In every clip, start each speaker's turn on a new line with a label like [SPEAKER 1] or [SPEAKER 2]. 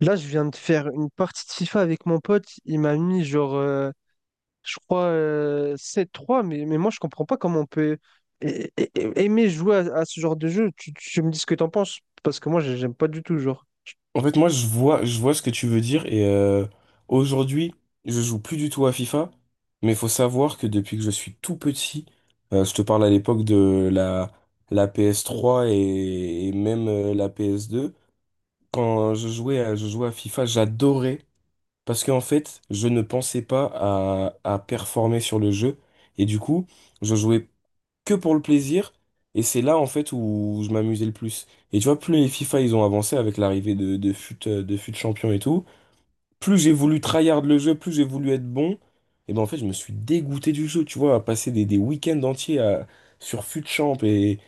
[SPEAKER 1] Là, je viens de faire une partie de FIFA avec mon pote. Il m'a mis genre, je crois, 7-3, mais moi, je comprends pas comment on peut a- aimer jouer à ce genre de jeu. Tu me dis ce que t'en penses, parce que moi, j'aime pas du tout, genre.
[SPEAKER 2] En fait, moi, je vois ce que tu veux dire et aujourd'hui, je joue plus du tout à FIFA, mais il faut savoir que depuis que je suis tout petit, je te parle à l'époque de la PS3 et même la PS2, quand je jouais à FIFA, j'adorais parce qu'en fait, je ne pensais pas à performer sur le jeu et du coup, je jouais que pour le plaisir. Et c'est là, en fait, où je m'amusais le plus. Et tu vois, plus les FIFA, ils ont avancé avec l'arrivée de FUT Champion et tout, plus j'ai voulu tryhard le jeu, plus j'ai voulu être bon. Et ben, en fait, je me suis dégoûté du jeu, tu vois, à passer des sur FUT Champ et,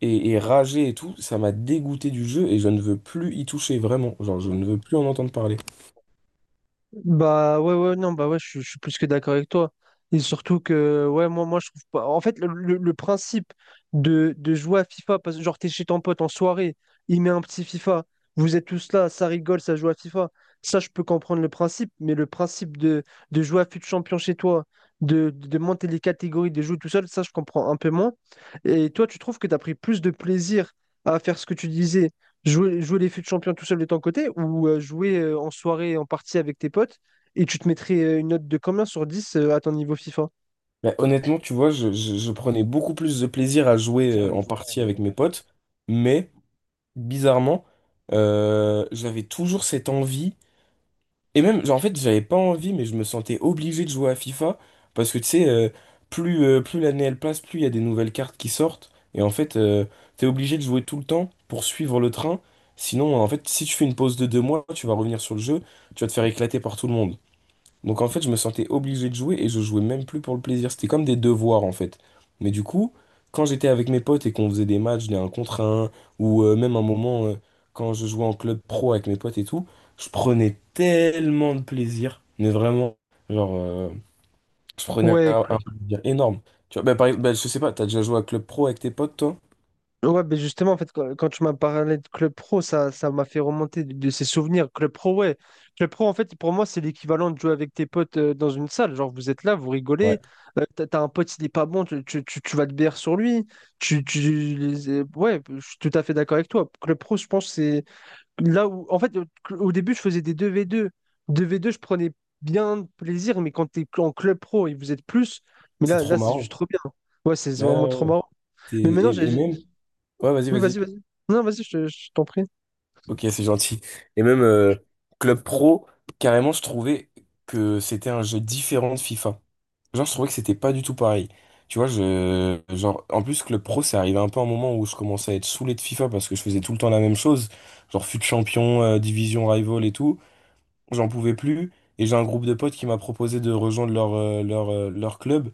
[SPEAKER 2] et, et rager et tout. Ça m'a dégoûté du jeu et je ne veux plus y toucher, vraiment. Genre, je ne veux plus en entendre parler.
[SPEAKER 1] Bah ouais, ouais, non, bah ouais, je suis plus que d'accord avec toi, et surtout que, ouais, moi je trouve pas en fait le principe de jouer à FIFA, parce que genre t'es chez ton pote en soirée, il met un petit FIFA, vous êtes tous là, ça rigole, ça joue à FIFA. Ça je peux comprendre le principe, mais le principe de jouer à FUT Champion chez toi, de monter les catégories, de jouer tout seul, ça je comprends un peu moins. Et toi, tu trouves que t'as pris plus de plaisir à faire ce que tu disais? Jouer les fûts champions tout seul de ton côté, ou jouer en soirée en partie avec tes potes? Et tu te mettrais une note de combien sur 10 à ton niveau FIFA?
[SPEAKER 2] Mais honnêtement, tu vois, je prenais beaucoup plus de plaisir à jouer en partie avec mes potes, mais bizarrement, j'avais toujours cette envie. Et même, genre, en fait, j'avais pas envie, mais je me sentais obligé de jouer à FIFA. Parce que, tu sais, plus l'année elle passe, plus il y a des nouvelles cartes qui sortent. Et en fait, t'es obligé de jouer tout le temps pour suivre le train. Sinon, en fait, si tu fais une pause de 2 mois, tu vas revenir sur le jeu, tu vas te faire éclater par tout le monde. Donc en fait, je me sentais obligé de jouer et je jouais même plus pour le plaisir. C'était comme des devoirs en fait. Mais du coup, quand j'étais avec mes potes et qu'on faisait des matchs, des 1 contre un ou même un moment, quand je jouais en club pro avec mes potes et tout, je prenais tellement de plaisir. Mais vraiment, genre, euh, je prenais
[SPEAKER 1] Ouais,
[SPEAKER 2] un
[SPEAKER 1] club.
[SPEAKER 2] plaisir énorme. Tu vois, je sais pas, t'as déjà joué à club pro avec tes potes, toi?
[SPEAKER 1] Ouais, ben justement, en fait, quand tu m'as parlé de Club Pro, ça m'a fait remonter de ces souvenirs. Club Pro, ouais. Club Pro, en fait, pour moi, c'est l'équivalent de jouer avec tes potes dans une salle. Genre, vous êtes là, vous
[SPEAKER 2] Ouais,
[SPEAKER 1] rigolez. T'as un pote, il est pas bon, tu vas te BR sur lui. Ouais, je suis tout à fait d'accord avec toi. Club Pro, je pense, c'est là où, en fait, au début, je faisais des deux v deux je prenais bien de plaisir, mais quand t'es en club pro et vous êtes plus, mais
[SPEAKER 2] c'est
[SPEAKER 1] là,
[SPEAKER 2] trop
[SPEAKER 1] là, c'est juste
[SPEAKER 2] marrant.
[SPEAKER 1] trop bien. Ouais, c'est
[SPEAKER 2] Ouais,
[SPEAKER 1] vraiment
[SPEAKER 2] ouais,
[SPEAKER 1] trop
[SPEAKER 2] ouais.
[SPEAKER 1] marrant. Mais maintenant, j'ai...
[SPEAKER 2] Et
[SPEAKER 1] j'ai-
[SPEAKER 2] même... Ouais, vas-y,
[SPEAKER 1] Oui,
[SPEAKER 2] vas-y.
[SPEAKER 1] vas-y, vas-y. Non, vas-y, je t'en prie.
[SPEAKER 2] Ok, c'est gentil. Et même Club Pro, carrément, je trouvais que c'était un jeu différent de FIFA. Genre, je trouvais que c'était pas du tout pareil. Tu vois, genre, en plus, Club Pro, c'est arrivé un peu un moment où je commençais à être saoulé de FIFA parce que je faisais tout le temps la même chose. Genre, fut champion, division rival et tout. J'en pouvais plus. Et j'ai un groupe de potes qui m'a proposé de rejoindre leur club.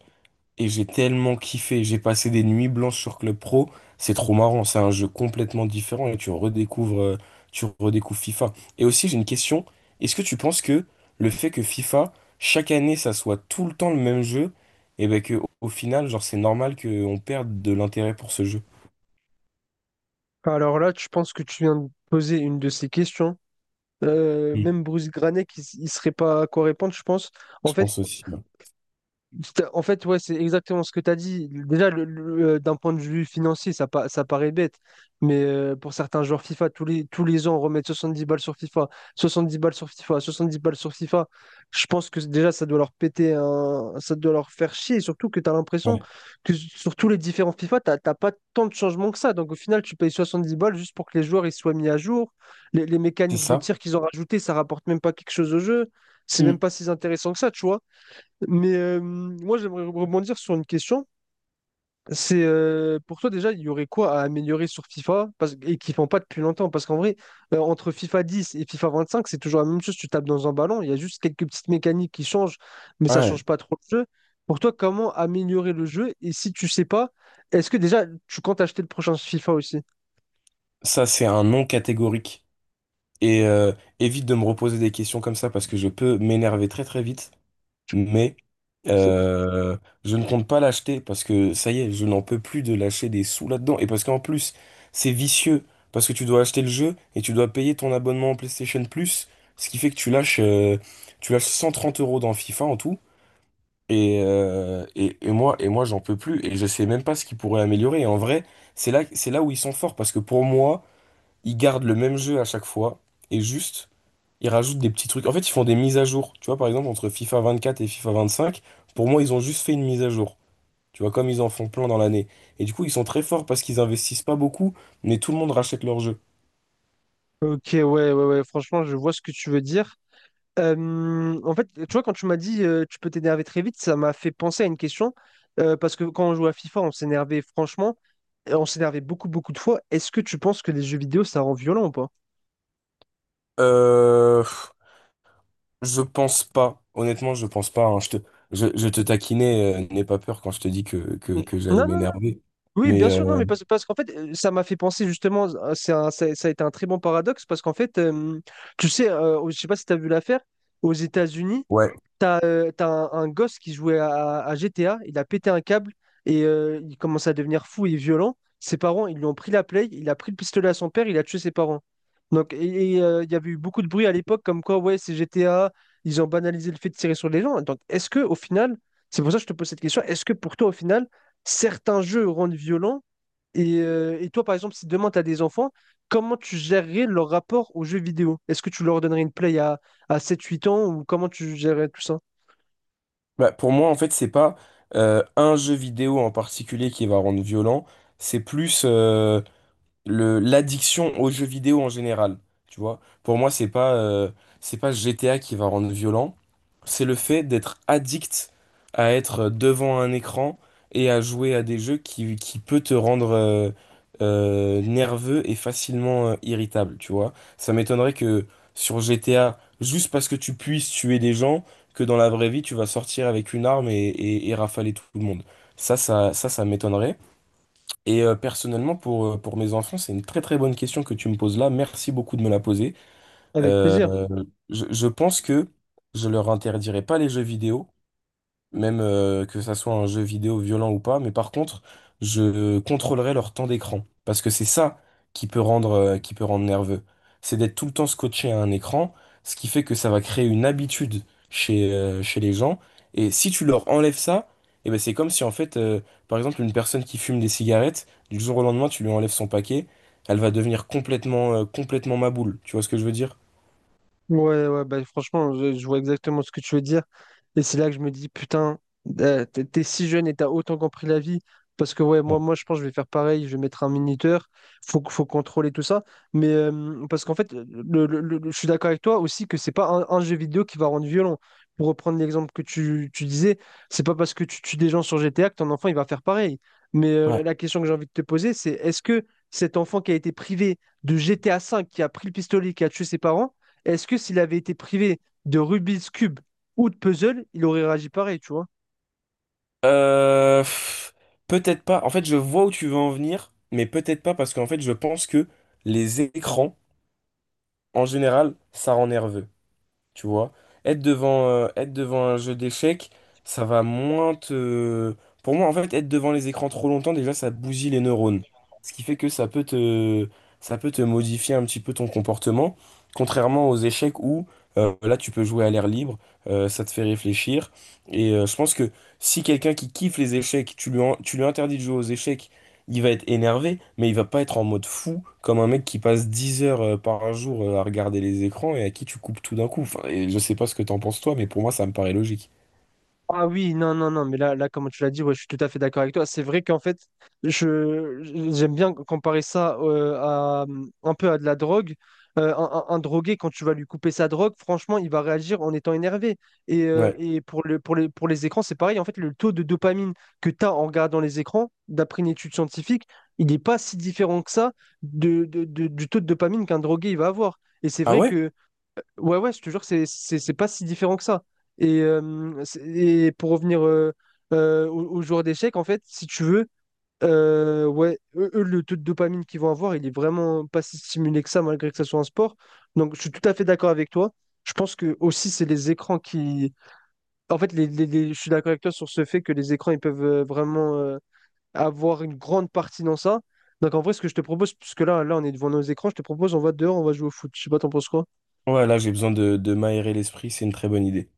[SPEAKER 2] Et j'ai tellement kiffé, j'ai passé des nuits blanches sur Club Pro, c'est trop marrant, c'est un jeu complètement différent et tu redécouvres tu redécouvres FIFA. Et aussi j'ai une question, est-ce que tu penses que le fait que FIFA, chaque année ça soit tout le temps le même jeu, et ben que au final, genre c'est normal qu'on perde de l'intérêt pour ce jeu?
[SPEAKER 1] Alors là, je pense que tu viens de poser une de ces questions. Euh,
[SPEAKER 2] Mm.
[SPEAKER 1] même Bruce Granet, il serait pas à quoi répondre, je pense. En
[SPEAKER 2] Je
[SPEAKER 1] fait,
[SPEAKER 2] pense aussi, ouais.
[SPEAKER 1] Ouais, c'est exactement ce que tu as dit. Déjà, d'un point de vue financier, ça paraît bête. Mais pour certains joueurs FIFA, tous les ans, remettre 70 balles sur FIFA, 70 balles sur FIFA, 70 balles sur FIFA, je pense que déjà, ça doit leur péter un. Ça doit leur faire chier. Et surtout que tu as l'impression
[SPEAKER 2] Ouais.
[SPEAKER 1] que sur tous les différents FIFA, tu n'as pas tant de changements que ça. Donc au final, tu payes 70 balles juste pour que les joueurs ils soient mis à jour. Les
[SPEAKER 2] C'est
[SPEAKER 1] mécaniques de
[SPEAKER 2] ça?
[SPEAKER 1] tir qu'ils ont rajoutées, ça rapporte même pas quelque chose au jeu. C'est même
[SPEAKER 2] Mm.
[SPEAKER 1] pas si intéressant que ça, tu vois. Mais moi, j'aimerais rebondir sur une question. C'est pour toi déjà, il y aurait quoi à améliorer sur FIFA, et qu'ils font pas depuis longtemps? Parce qu'en vrai, entre FIFA 10 et FIFA 25, c'est toujours la même chose. Tu tapes dans un ballon, il y a juste quelques petites mécaniques qui changent, mais ça
[SPEAKER 2] Ouais,
[SPEAKER 1] change pas trop le jeu. Pour toi, comment améliorer le jeu? Et si tu sais pas, est-ce que déjà tu comptes acheter le prochain FIFA aussi?
[SPEAKER 2] ça c'est un non catégorique. Et évite de me reposer des questions comme ça parce que je peux m'énerver très très vite. Mais euh, je ne compte pas l'acheter parce que ça y est, je n'en peux plus de lâcher des sous là-dedans. Et parce qu'en plus, c'est vicieux parce que tu dois acheter le jeu et tu dois payer ton abonnement en PlayStation Plus, ce qui fait que tu lâches 130 € dans FIFA en tout. Et et moi j'en peux plus et je sais même pas ce qu'ils pourraient améliorer. Et en vrai, c'est là où ils sont forts parce que pour moi, ils gardent le même jeu à chaque fois et juste, ils rajoutent des petits trucs. En fait, ils font des mises à jour. Tu vois, par exemple, entre FIFA 24 et FIFA 25, pour moi, ils ont juste fait une mise à jour. Tu vois, comme ils en font plein dans l'année. Et du coup, ils sont très forts parce qu'ils investissent pas beaucoup, mais tout le monde rachète leur jeu.
[SPEAKER 1] Ok, ouais, ouais, ouais. Franchement, je vois ce que tu veux dire. En fait, tu vois, quand tu m'as dit tu peux t'énerver très vite, ça m'a fait penser à une question, parce que quand on jouait à FIFA, on s'énervait franchement, et on s'énervait beaucoup, beaucoup de fois. Est-ce que tu penses que les jeux vidéo, ça rend violent ou pas?
[SPEAKER 2] Euh, je pense pas. Honnêtement, je pense pas, hein. Je te taquinais, n'aie pas peur quand je te dis
[SPEAKER 1] Non,
[SPEAKER 2] que j'allais
[SPEAKER 1] non, non.
[SPEAKER 2] m'énerver.
[SPEAKER 1] Oui, bien
[SPEAKER 2] Mais
[SPEAKER 1] sûr, non,
[SPEAKER 2] euh,
[SPEAKER 1] mais parce qu'en fait, ça m'a fait penser justement, ça, ça a été un très bon paradoxe, parce qu'en fait, tu sais, je sais pas si tu as vu l'affaire, aux États-Unis.
[SPEAKER 2] ouais.
[SPEAKER 1] T'as un gosse qui jouait à GTA, il a pété un câble et il commence à devenir fou et violent. Ses parents, ils lui ont pris la play, il a pris le pistolet à son père, il a tué ses parents. Donc, il y avait eu beaucoup de bruit à l'époque comme quoi, ouais, c'est GTA, ils ont banalisé le fait de tirer sur les gens. Donc, est-ce que au final, c'est pour ça que je te pose cette question, est-ce que pour toi, au final, certains jeux rendent violents, et toi, par exemple, si demain tu as des enfants, comment tu gérerais leur rapport aux jeux vidéo? Est-ce que tu leur donnerais une play à 7-8 ans, ou comment tu gérerais tout ça?
[SPEAKER 2] Bah, pour moi, en fait, c'est pas un jeu vidéo en particulier qui va rendre violent. C'est plus le l'addiction aux jeux vidéo en général, tu vois. Pour moi, c'est pas GTA qui va rendre violent, c'est le fait d'être addict à être devant un écran et à jouer à des jeux qui peut te rendre nerveux et facilement irritable, tu vois. Ça m'étonnerait que sur GTA, juste parce que tu puisses tuer des gens, que dans la vraie vie, tu vas sortir avec une arme et et rafaler tout le monde. Ça m'étonnerait. Et personnellement, pour mes enfants, c'est une très très bonne question que tu me poses là. Merci beaucoup de me la poser.
[SPEAKER 1] Avec
[SPEAKER 2] Euh,
[SPEAKER 1] plaisir.
[SPEAKER 2] je pense que je leur interdirai pas les jeux vidéo, même que ça soit un jeu vidéo violent ou pas, mais par contre, je contrôlerai leur temps d'écran, parce que c'est ça qui peut rendre nerveux. C'est d'être tout le temps scotché à un écran, ce qui fait que ça va créer une habitude chez les gens, et si tu leur enlèves ça, eh ben c'est comme si en fait, par exemple, une personne qui fume des cigarettes, du jour au lendemain, tu lui enlèves son paquet, elle va devenir complètement, complètement maboule, tu vois ce que je veux dire?
[SPEAKER 1] Ouais, ouais, bah, franchement, je vois exactement ce que tu veux dire. Et c'est là que je me dis, putain, t'es si jeune et t'as autant compris la vie. Parce que, ouais, moi,
[SPEAKER 2] Ouais.
[SPEAKER 1] moi, je pense que je vais faire pareil. Je vais mettre un minuteur. Faut contrôler tout ça. Mais parce qu'en fait, je suis d'accord avec toi aussi que c'est pas un jeu vidéo qui va rendre violent. Pour reprendre l'exemple que tu disais, c'est pas parce que tu tues des gens sur GTA que ton enfant, il va faire pareil. Mais la
[SPEAKER 2] Ouais.
[SPEAKER 1] la question que j'ai envie de te poser, c'est est-ce que cet enfant qui a été privé de GTA V, qui a pris le pistolet, qui a tué ses parents, est-ce que s'il avait été privé de Rubik's Cube ou de puzzle, il aurait réagi pareil, tu vois?
[SPEAKER 2] Pff, peut-être pas. En fait, je vois où tu veux en venir, mais peut-être pas parce qu'en fait, je pense que les écrans, en général, ça rend nerveux. Tu vois, être devant un jeu d'échecs, ça va moins te... Pour moi, en fait, être devant les écrans trop longtemps, déjà, ça bousille les neurones. Ce qui fait que ça peut te modifier un petit peu ton comportement, contrairement aux échecs où, là, tu peux jouer à l'air libre, ça te fait réfléchir. Et je pense que si quelqu'un qui kiffe les échecs, tu lui interdis de jouer aux échecs il va être énervé, mais il va pas être en mode fou, comme un mec qui passe 10 heures par jour à regarder les écrans et à qui tu coupes tout d'un coup. Enfin, et je sais pas ce que t'en penses toi, mais pour moi, ça me paraît logique.
[SPEAKER 1] Ah oui, non, non, non, mais là, là, comme tu l'as dit, ouais, je suis tout à fait d'accord avec toi. C'est vrai qu'en fait, je j'aime bien comparer ça à un peu à de la drogue. Un drogué, quand tu vas lui couper sa drogue, franchement, il va réagir en étant énervé. Et, euh,
[SPEAKER 2] Ouais.
[SPEAKER 1] et pour les écrans, c'est pareil. En fait, le taux de dopamine que tu as en regardant les écrans, d'après une étude scientifique, il n'est pas si différent que ça du taux de dopamine qu'un drogué il va avoir. Et c'est
[SPEAKER 2] Ah
[SPEAKER 1] vrai
[SPEAKER 2] ouais?
[SPEAKER 1] que ouais, ouais, je te jure, c'est pas si différent que ça. Et pour revenir aux joueurs d'échecs, en fait, si tu veux, ouais, eux, eux, le taux de dopamine qu'ils vont avoir, il est vraiment pas si stimulé que ça, malgré que ça soit un sport. Donc, je suis tout à fait d'accord avec toi. Je pense que aussi, c'est les écrans qui. En fait, je suis d'accord avec toi sur ce fait que les écrans, ils peuvent vraiment, avoir une grande partie dans ça. Donc, en vrai, ce que je te propose, puisque là, là, on est devant nos écrans, je te propose, on va dehors, on va jouer au foot. Je sais pas, t'en penses quoi?
[SPEAKER 2] Ouais, là, j'ai besoin de m'aérer l'esprit, c'est une très bonne idée.